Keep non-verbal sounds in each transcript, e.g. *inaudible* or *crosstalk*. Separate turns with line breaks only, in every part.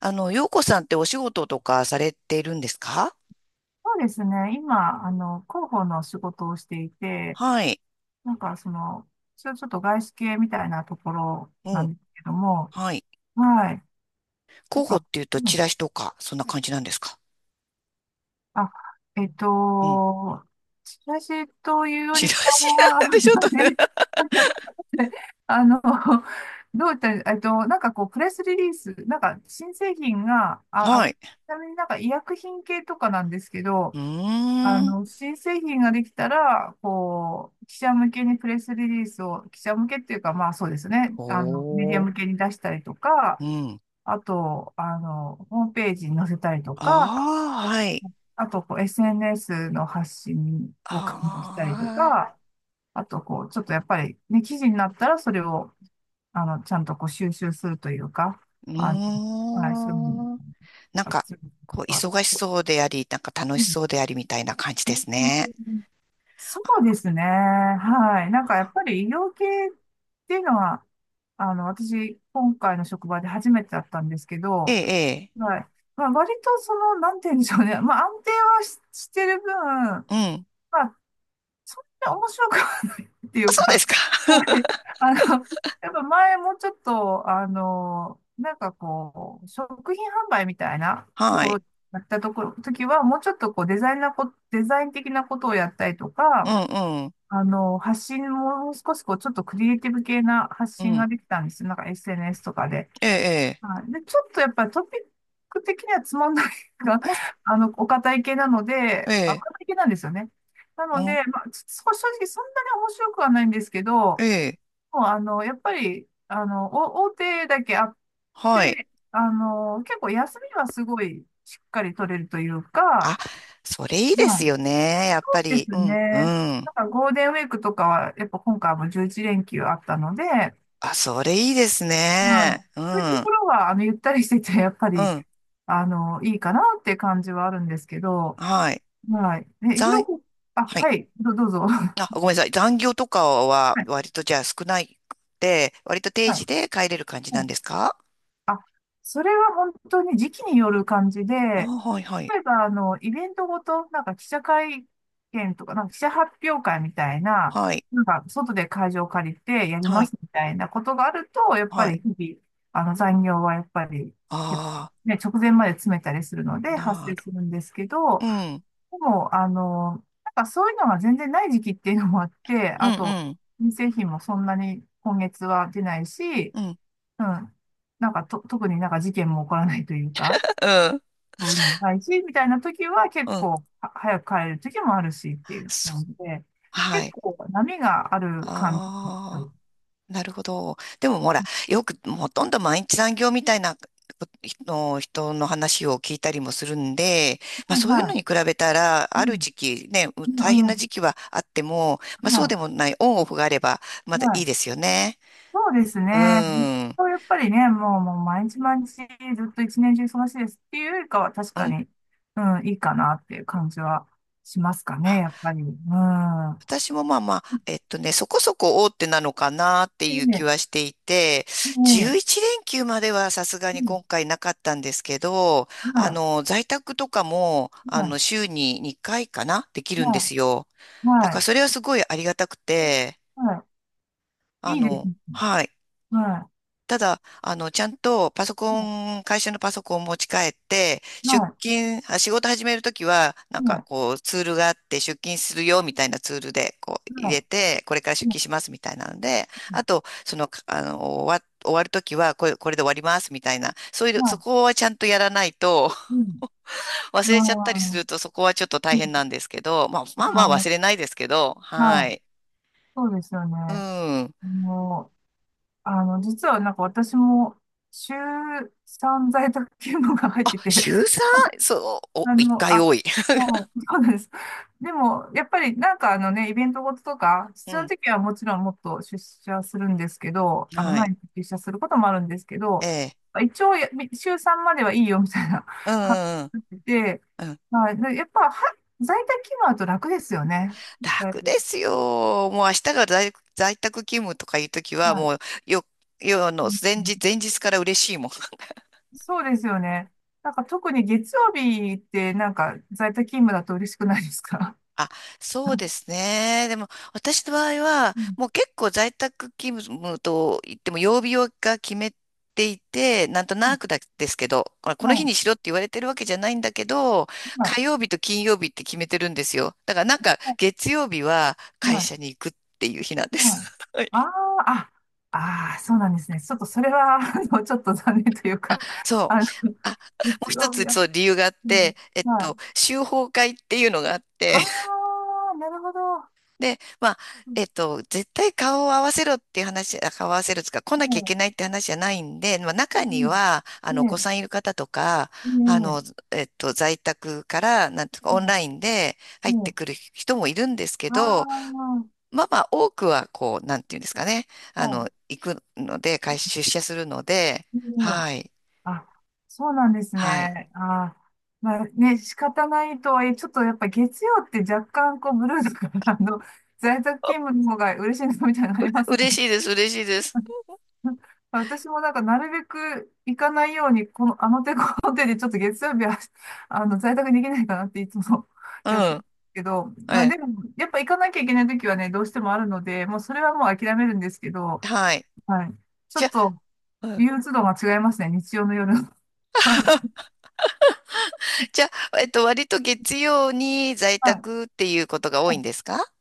あの、洋子さんってお仕事とかされているんですか？
そうですね。今、広報の仕事をしていて、
はい。
なんかその、ちょっと外資系みたいなところ
う
な
ん。
んですけども、
はい。
はい。なん
広報っ
か、
ていうと、
う
チ
ん、
ラシとか、そんな感じなんですか？
あ、えっ
うん。
と、チラシというよ
チ
り
ラ
か
シな
は、
んでちょっとね。
*laughs* あの、どういったら、なんかこう、プレスリリース、なんか新製品が、
は
ち
い。
なみになんか医薬品系とかなんですけ
う
ど、
ーん。
新製品ができたら、こう、記者向けにプレスリリースを、記者向けっていうか、まあそうですね、
お
メディア
ー。
向けに出したりとか、
うん。
あと、ホームページに載せたりとか、
ああ、はい。
あと、こう、SNS の発信を確認したりと
ああ、
か、あと、こう、ちょっとやっぱり、ね、記事になったら、それを、ちゃんとこう、収集するというか、
う
あの、はい、そういうのを、
ーん。なん
あ、
か、
そういうの
こ
と
う、
か、
忙しそうであり、なんか楽
う
し
ん、
そうでありみたいな感じですね。
そうですね。はい。なんかやっぱり医療系っていうのは、私、今回の職場で初めてだったんですけ
ええ、
ど、
ええ。
はい。まあ、割とその、なんて言うんでしょうね。まあ、安定はし、してる分、
うん。
まあ、そんな面白くはないってい
あ、
う
そうで
か、
すか。
*laughs* はい。あの、やっぱ前もうちょっと、なんかこう、食品販売みたいな
*laughs*
と
は
こ
い。
ろ、やったところ、時は、もうちょっとこう、デザイン的なことをやったりと
うん、
か、
うん。
発信も少しこう、ちょっとクリエイティブ系な発
う
信
ん。
ができたんですよ。なんか SNS とかで。
ええ、ええ。
はい。で、ちょっとやっぱりトピック的にはつまんないが、
あ、
*laughs* お堅い系なので、
え
あ、お
え、
堅い系なんですよね。なの
お、
で、まあ、ちょ正直そんなに面白くはないんですけど、も
ええ、
うやっぱり、お大手だけあっ
はい。
て、結構休みはすごいしっかり取れるというか、は
あ、それいいですよ
い
ね。やっぱ
です
り。う
ね。
ん、うん。
なんかゴールデンウィークとかは、やっぱ今回も11連休あったので、はい。
あ、それいいですね。う
そういう
ん、
と
う
ころは、ゆったりしてて、やっぱ
ん、
り、いいかなって感じはあるんですけど、
はい。
はい。え、ひろ
残、
こ、あ、
はい。
はい、どうぞ。*laughs* は
あ、ごめんなさい。残業とかは
い、
割とじゃあ少ないくて、割と定
は
時
い。
で帰れる感じなんですか？
それは本当に時期による感じで、
あ、はい、はい。
例えば、イベントごと、なんか記者会見とか、なんか記者発表会みたいな、
はい、
なんか外で会場を借りてやり
は
ま
い、
すみたいなことがあると、やっぱ
はい。
り日々、残業はやっぱり、結構
あ
ね、直前まで詰めたりするの
あ、
で発
な
生
る。
するんですけ
う
ど、
ん、うん、
でも、なんかそういうのが全然ない時期っていうのもあって、
う
あと、
ん、
人製品もそんなに今月は出ないし、
うん、
うん。なんかと、特になんか事件も起こらないというか、
*laughs* うん、
そういうのもないし、みたいな時は
う
結
ん。
構は早く帰れる時もあるしっていう
そう、
感じで、
は
結
い。
構波がある感じなんです
ああ。
よ。
なるほど。でもほら、よくほとんど毎日残業みたいなの人の話を聞いたりもするんで、まあ
うん、
そういうの
は
に比べたら、
い。う
ある
ん。
時期ね、
う
大変
ん、う
な
ん。
時期はあっても、まあそう
は
で
い。
もない、オンオフがあればまだ
は
いい
い。
ですよね。
そうですね。
うん。う
そうやっぱりね、もう毎日毎日ずっと一年中忙しいですっていうよりかは確か
ん。
に、うん、いいかなっていう感じはしますかね、やっぱり。うん。
私もまあまあ、そこそこ大手なのかなって
え
いう気
え、
はしていて、
ええ、
11連休まではさすが
え
に
え、
今回なかったんですけど、あ
は
の、在宅とかも、
い。
あ
は
の、
い。
週に2回かなできるんで
は
すよ。
い、
だ
は
から
い、
それはすごいありがたくて、
はい。
あ
いいです
の、
ね。
はい。
は
ただ、あの、ちゃんとパソ
い、
コ
はい、
ン、会社のパソコンを持ち帰って、
は
出
い、
勤、あ仕事始めるときは、なん
は
か
い、
こう、ツールがあって、出勤するよ、みたいなツールで、こう、入れ
は
て、これから
い、
出
は
勤
い、
します、みたいなので、あと、その、あの、終わるときは、これで終わります、みたいな、そういう、そ
は
こはちゃんとやらないと、
い、うん。
*laughs* 忘れちゃったりす
あ
ると、そこはちょっと大
ー、う
変な
ん、
んですけど、まあ、まあまあ忘れ
あ
ないですけど、
ー、
は
はい、
い。
そうですよね。
うん。
もう、実はなんか私も、週3在宅勤務が入っ
あ、
てて、
週 3？ そう、お、
あ
1
の、
回
あ、
多い。*laughs*
もう、*laughs* そうなんです。でも、やっぱりなんかあのね、イベントごととか、
う
必要な
ん。
時はもちろんもっと出社するんですけど、
は
毎
い。
日出社することもあるんですけ
え
ど、
え。
一応や、週3まではいいよみたいな
う
*laughs* 感
んうん
じで、
うん。うん、
はい、でやっぱは、在宅勤務だと楽ですよね。だい
楽で
ぶ、
すよ。もう明日が在宅勤務とかいうときは、
はい。
もう、よ、あ
う
の、
ん、うん、
前日から嬉しいもん。*laughs*
そうですよね。なんか特に月曜日ってなんか在宅勤務だと嬉しくないですか？
あ、そう
*laughs*
ですね。でも、私の場合は、
うん、
もう結構在宅勤務と言っても、曜日が決めていて、なんとなくだですけど、あこの
は
日に
い。
しろって言われてるわけじゃないんだけど、
はい。
火曜日と金曜日って決めてるんですよ。だからなんか、月曜日は会
は
社
い。
に行くっていう日なんで
うん。
す。
あ
*laughs*
あ、あ、あ、あそうなんですね。ちょっとそれは、*laughs* ちょっと残念というか、*laughs*
そう。
あの、
あ、もう
日
一
曜日
つ、
は、
そう、理由があっ
うん、
て、
はい。
修法会っていうのがあっ
あ
て、*laughs*
あ、なるほど。
で、まあ、
うん、
絶対顔を合わせろっていう話、あ顔を合わせるつか、来な
ね
きゃいけないっ
え、
て話じゃないんで、まあ、
う
中に
ん、
は、あの、お子
ね
さんいる方とか、
え、
あ
ね
の、在宅から、なんとか、
え、
オン
ね
ラインで
え、
入っ
ね
て
え、
くる人もいるんですけ
あ
ど、
あ、
まあまあ、多くは、こう、なんていうんですかね、あ
は
の、行くので、会出社するので、
い、ねえ、
はい、
あ、そうなんです
はい。
ね。ああ、まあね、仕方ないとはいえ、ちょっとやっぱ月曜って若干こうブルーだから、在宅勤務の方が嬉しいなみたいなのあります？
嬉しいです、嬉しいです。
*laughs* 私もなんか、なるべく行かないように、この、あの手この手で、ちょっと月曜日は、在宅できないかなっていつも
う
*laughs* やってる
ん。
けど、
え
まあ
え。
でも、やっぱ行かなきゃいけない時はね、どうしてもあるので、もうそれはもう諦めるんですけど、
はい。
はい。ちょ
じ
っ
ゃ
と、
あ、うん、
憂鬱度が違いますね、日曜の夜。*laughs* は
じゃあ、割と月曜に在
い。
宅っていうことが多いんですか？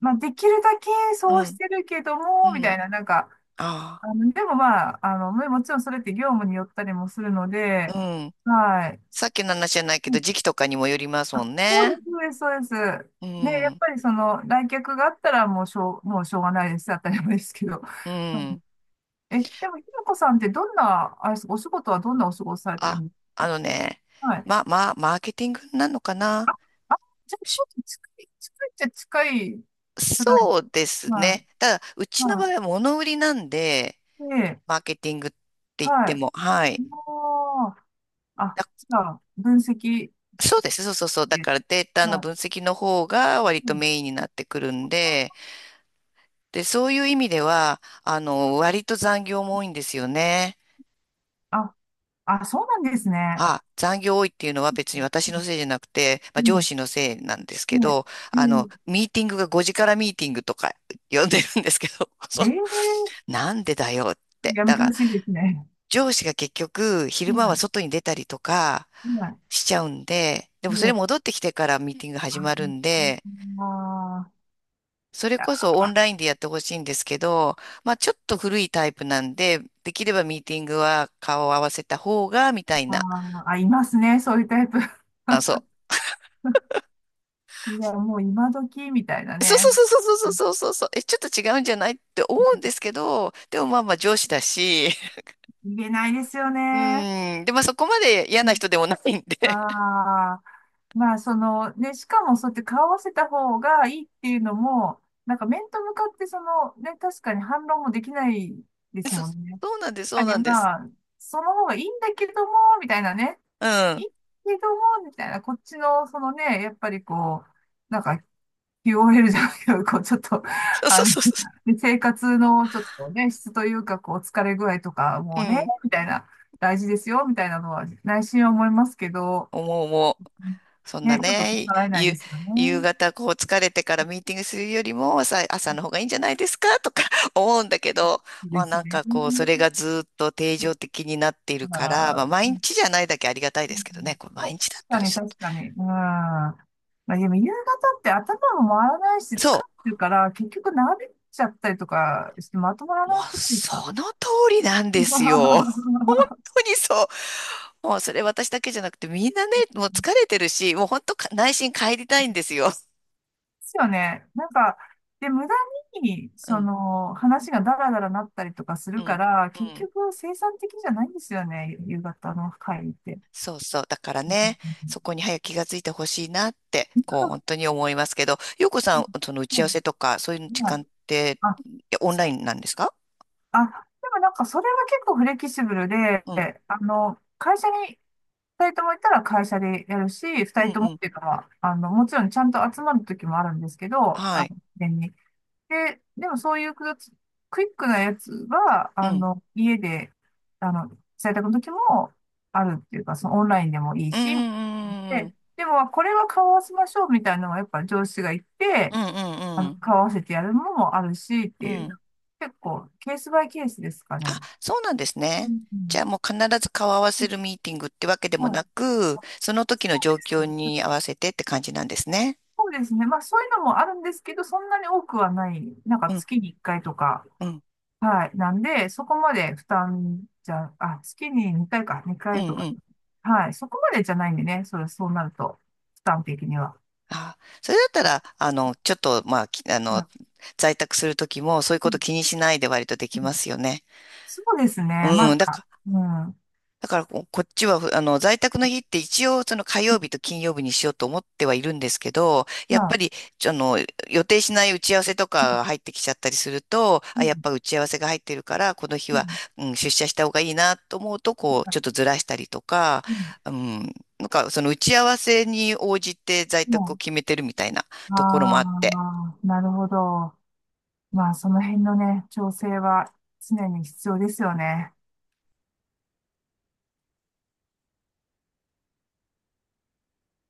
まあ、できるだけ
う
そうし
ん。
てるけど
う
も、みた
ん。
いな、なんか、
あ
でもまあ、もちろんそれって業務によったりもするの
あ。
で、
うん。
はい。
さっきの話じゃないけど、時期とかにもよりますも
あ、
ん
そう
ね。
です、そうです、そうです。
う
ね、やっ
ん。
ぱりその来客があったらもうしょうがないです。当たり前ですけど。
う
*laughs* うん。
ん。
え、でも、ひろこさんってどんな、あれです、お仕事はどんなお仕事されてる
あ、
んです
あ
か？
のね、
はい。
マーケティングなのかな、
あ、じゃあち
し
ょっと近いっちゃ近いくらい。
そうです
はい。
ね。ただ、うちの場合
は
は物売りなんで、
い。で、
マーケティングって言っ
は
ても、は
い。
い。
もう、あ、じゃあ、分析し
そうです。そうそうそう。だ
て、
からデータの
はい。
分析の方が割
う
と
ん、
メインになってくるんで、で、そういう意味では、あの、割と残業も多いんですよね。
あ、あ、そうなんですね。
あ、残業多いっていうのは別に私のせいじゃなくて、ま
う
あ、上
ん、
司のせいなんですけ
ね、
ど、
え
あの、
ー、
ミーティングが5時からミーティングとか呼んでるんですけど、*laughs* そ
えー、
う、なんでだよって。
やめ
だ
て
か
ほ
ら、
しいですね。
上司が結局、昼間
は
は
い。
外に出たりとか
いない。
しちゃうんで、でもそれ
ね、
戻ってきてからミーティング始まるんで、
ああ
それこ
ー、
そオンラインでやってほしいんですけど、まあちょっと古いタイプなんで、できればミーティングは顔を合わせた方が、みたい
あ
な。
ーあ、いますね、そういうタイプ。*laughs*
あ、そう。
いや、もう今時みたいな
*laughs* そうそう
ね。
そうそうそうそうそうそう。え、ちょっと違うんじゃないって思うんですけど、でもまあまあ上司だし、
言えないですよ
*laughs* う
ね。
ん。で、まあそこまで嫌な人でもないんで。
ああ、まあ、その、ね、しかもそうやって顔合わせた方がいいっていうのも、なんか面と向かって、その、ね、確かに反論もできないで
*laughs*
す
そう、
もんね。やっ
そうなんです、そ
ぱ
う
り
なんです。
まあ、その方がいいんだけども、みたいなね。
う
いい
ん。
けども、みたいな、こっちの、そのね、やっぱりこう、なんか、QOL じゃないけど、こう、ちょっと、
そうそ
あ
う
の、
そうそ
で生活のちょっとね、質というか、こう、疲れ具合とか、
う。う
もうね、
ん。
みたいな、大事ですよ、みたいなのは、内心は思いますけど、
思う思う。そんな
ね、ちょっと
ね、
逆らえない
ゆ、
ですよね。
夕方こう疲れてからミーティングするよりもさ、朝の方がいいんじゃないですかとか *laughs* 思うんだけど、ま
で
あ
す
なん
ね。
かこう、それがずっと定常的になっている
だか
から、ま
ら、
あ毎日じゃないだけありがたい
う
ですけどね、
ん、
これ
そ
毎
う、
日だったら
確
ちょ
か
っ
に、確
と。
かに。うん。まあ、でも夕方って頭も回らないし、疲れ
そ
てるから、結局長引いちゃったりとかして、まとまら
う、も
なく
う
ないですか？
その通りなんですよ。*laughs* 本
*laughs* で
当にそう。もうそれ私だけじゃなくてみんなね、もう疲れてるし、もう本当か内心帰りたいんですよ。
すよね。なんか、で、無駄に、
う
そ
ん、
の、話がダラダラなったりとかす
う
るか
ん、
ら、
う
結
ん。
局生産的じゃないんですよね、夕方の会って。
そうそう。だから
うん、
ね、
う
そ
ん、
こに早く気がついてほしいなって、こう、本当に思いますけど、よこさ
うん、
ん、その打ち
う
合わ
ん、
せとか、そういう
うん、
時
うん、はい。
間って、
あ、
いやオンラインなんですか？
あ、でもなんかそれは結構フレキシブルで、
うん、
会社に二人とも行ったら会社でやるし、二
うん、
人と
う
もっ
ん。
ていうか、まあ、もちろんちゃんと集まる時もあるんですけど、
はい。
事前に。で、でもそういうクイックなやつは、
うん。
家で、あの、在宅の時もあるっていうか、そのオンラインでもいい
うん、う
し、
ん、うん、
でもこれは顔を合わせましょうみたいなのがやっぱ上司が言っ
う
て、
ん、うん、うんうん。
買わせてやるのもあるしって
う
いう、
ん、
結構、ケースバイケースですか
あ、
ね。
そうなんです
う
ね。
ん、う
じ
ん、
ゃあもう必ず顔合わ
う
せ
ん。
るミーティングってわけで
ま
もな
あ、
く、その時
そ
の状況
うですね。
に合わせてって感じなんですね。
そうですね。まあ、そういうのもあるんですけど、そんなに多くはない。なんか
うん、
月に1回とか。
うん、
はい。なんで、そこまで負担じゃ、あ、月に2回か、
う
2
ん、
回と
う
か。
ん。
はい。そこまでじゃないんでね。それ、そうなると、負担的には。
あ、それだったら、あの、ちょっと、まあ、きあ
ま
の、
あ、
在宅するときも、そういう
う
こと
ん、
気にしないで割とでき
うん、
ますよね。
そうですね。ま
う
だ、
ん、だから、
うん。うん、
だからここっちは、あの、在宅の日って一応、その火曜日と金曜日にしようと思ってはいるんですけど、や
ま
っぱ
あ、
り、ちょあの、予定しない打ち合わせと
うん、
かが入ってきちゃったりすると、
う
あ、やっ
ん、
ぱ打ち合わせが入ってるから、この日
う
は、
ん、
うん、出社した方がいいなと思うと、こう、ちょっとずらしたりとか、
うん、
うん、なんか、その打ち合わせに応じて在
う
宅を
ん、
決めてるみたいなところもあっ
あ
て、
あ、なるほど。まあ、その辺のね、調整は常に必要ですよね。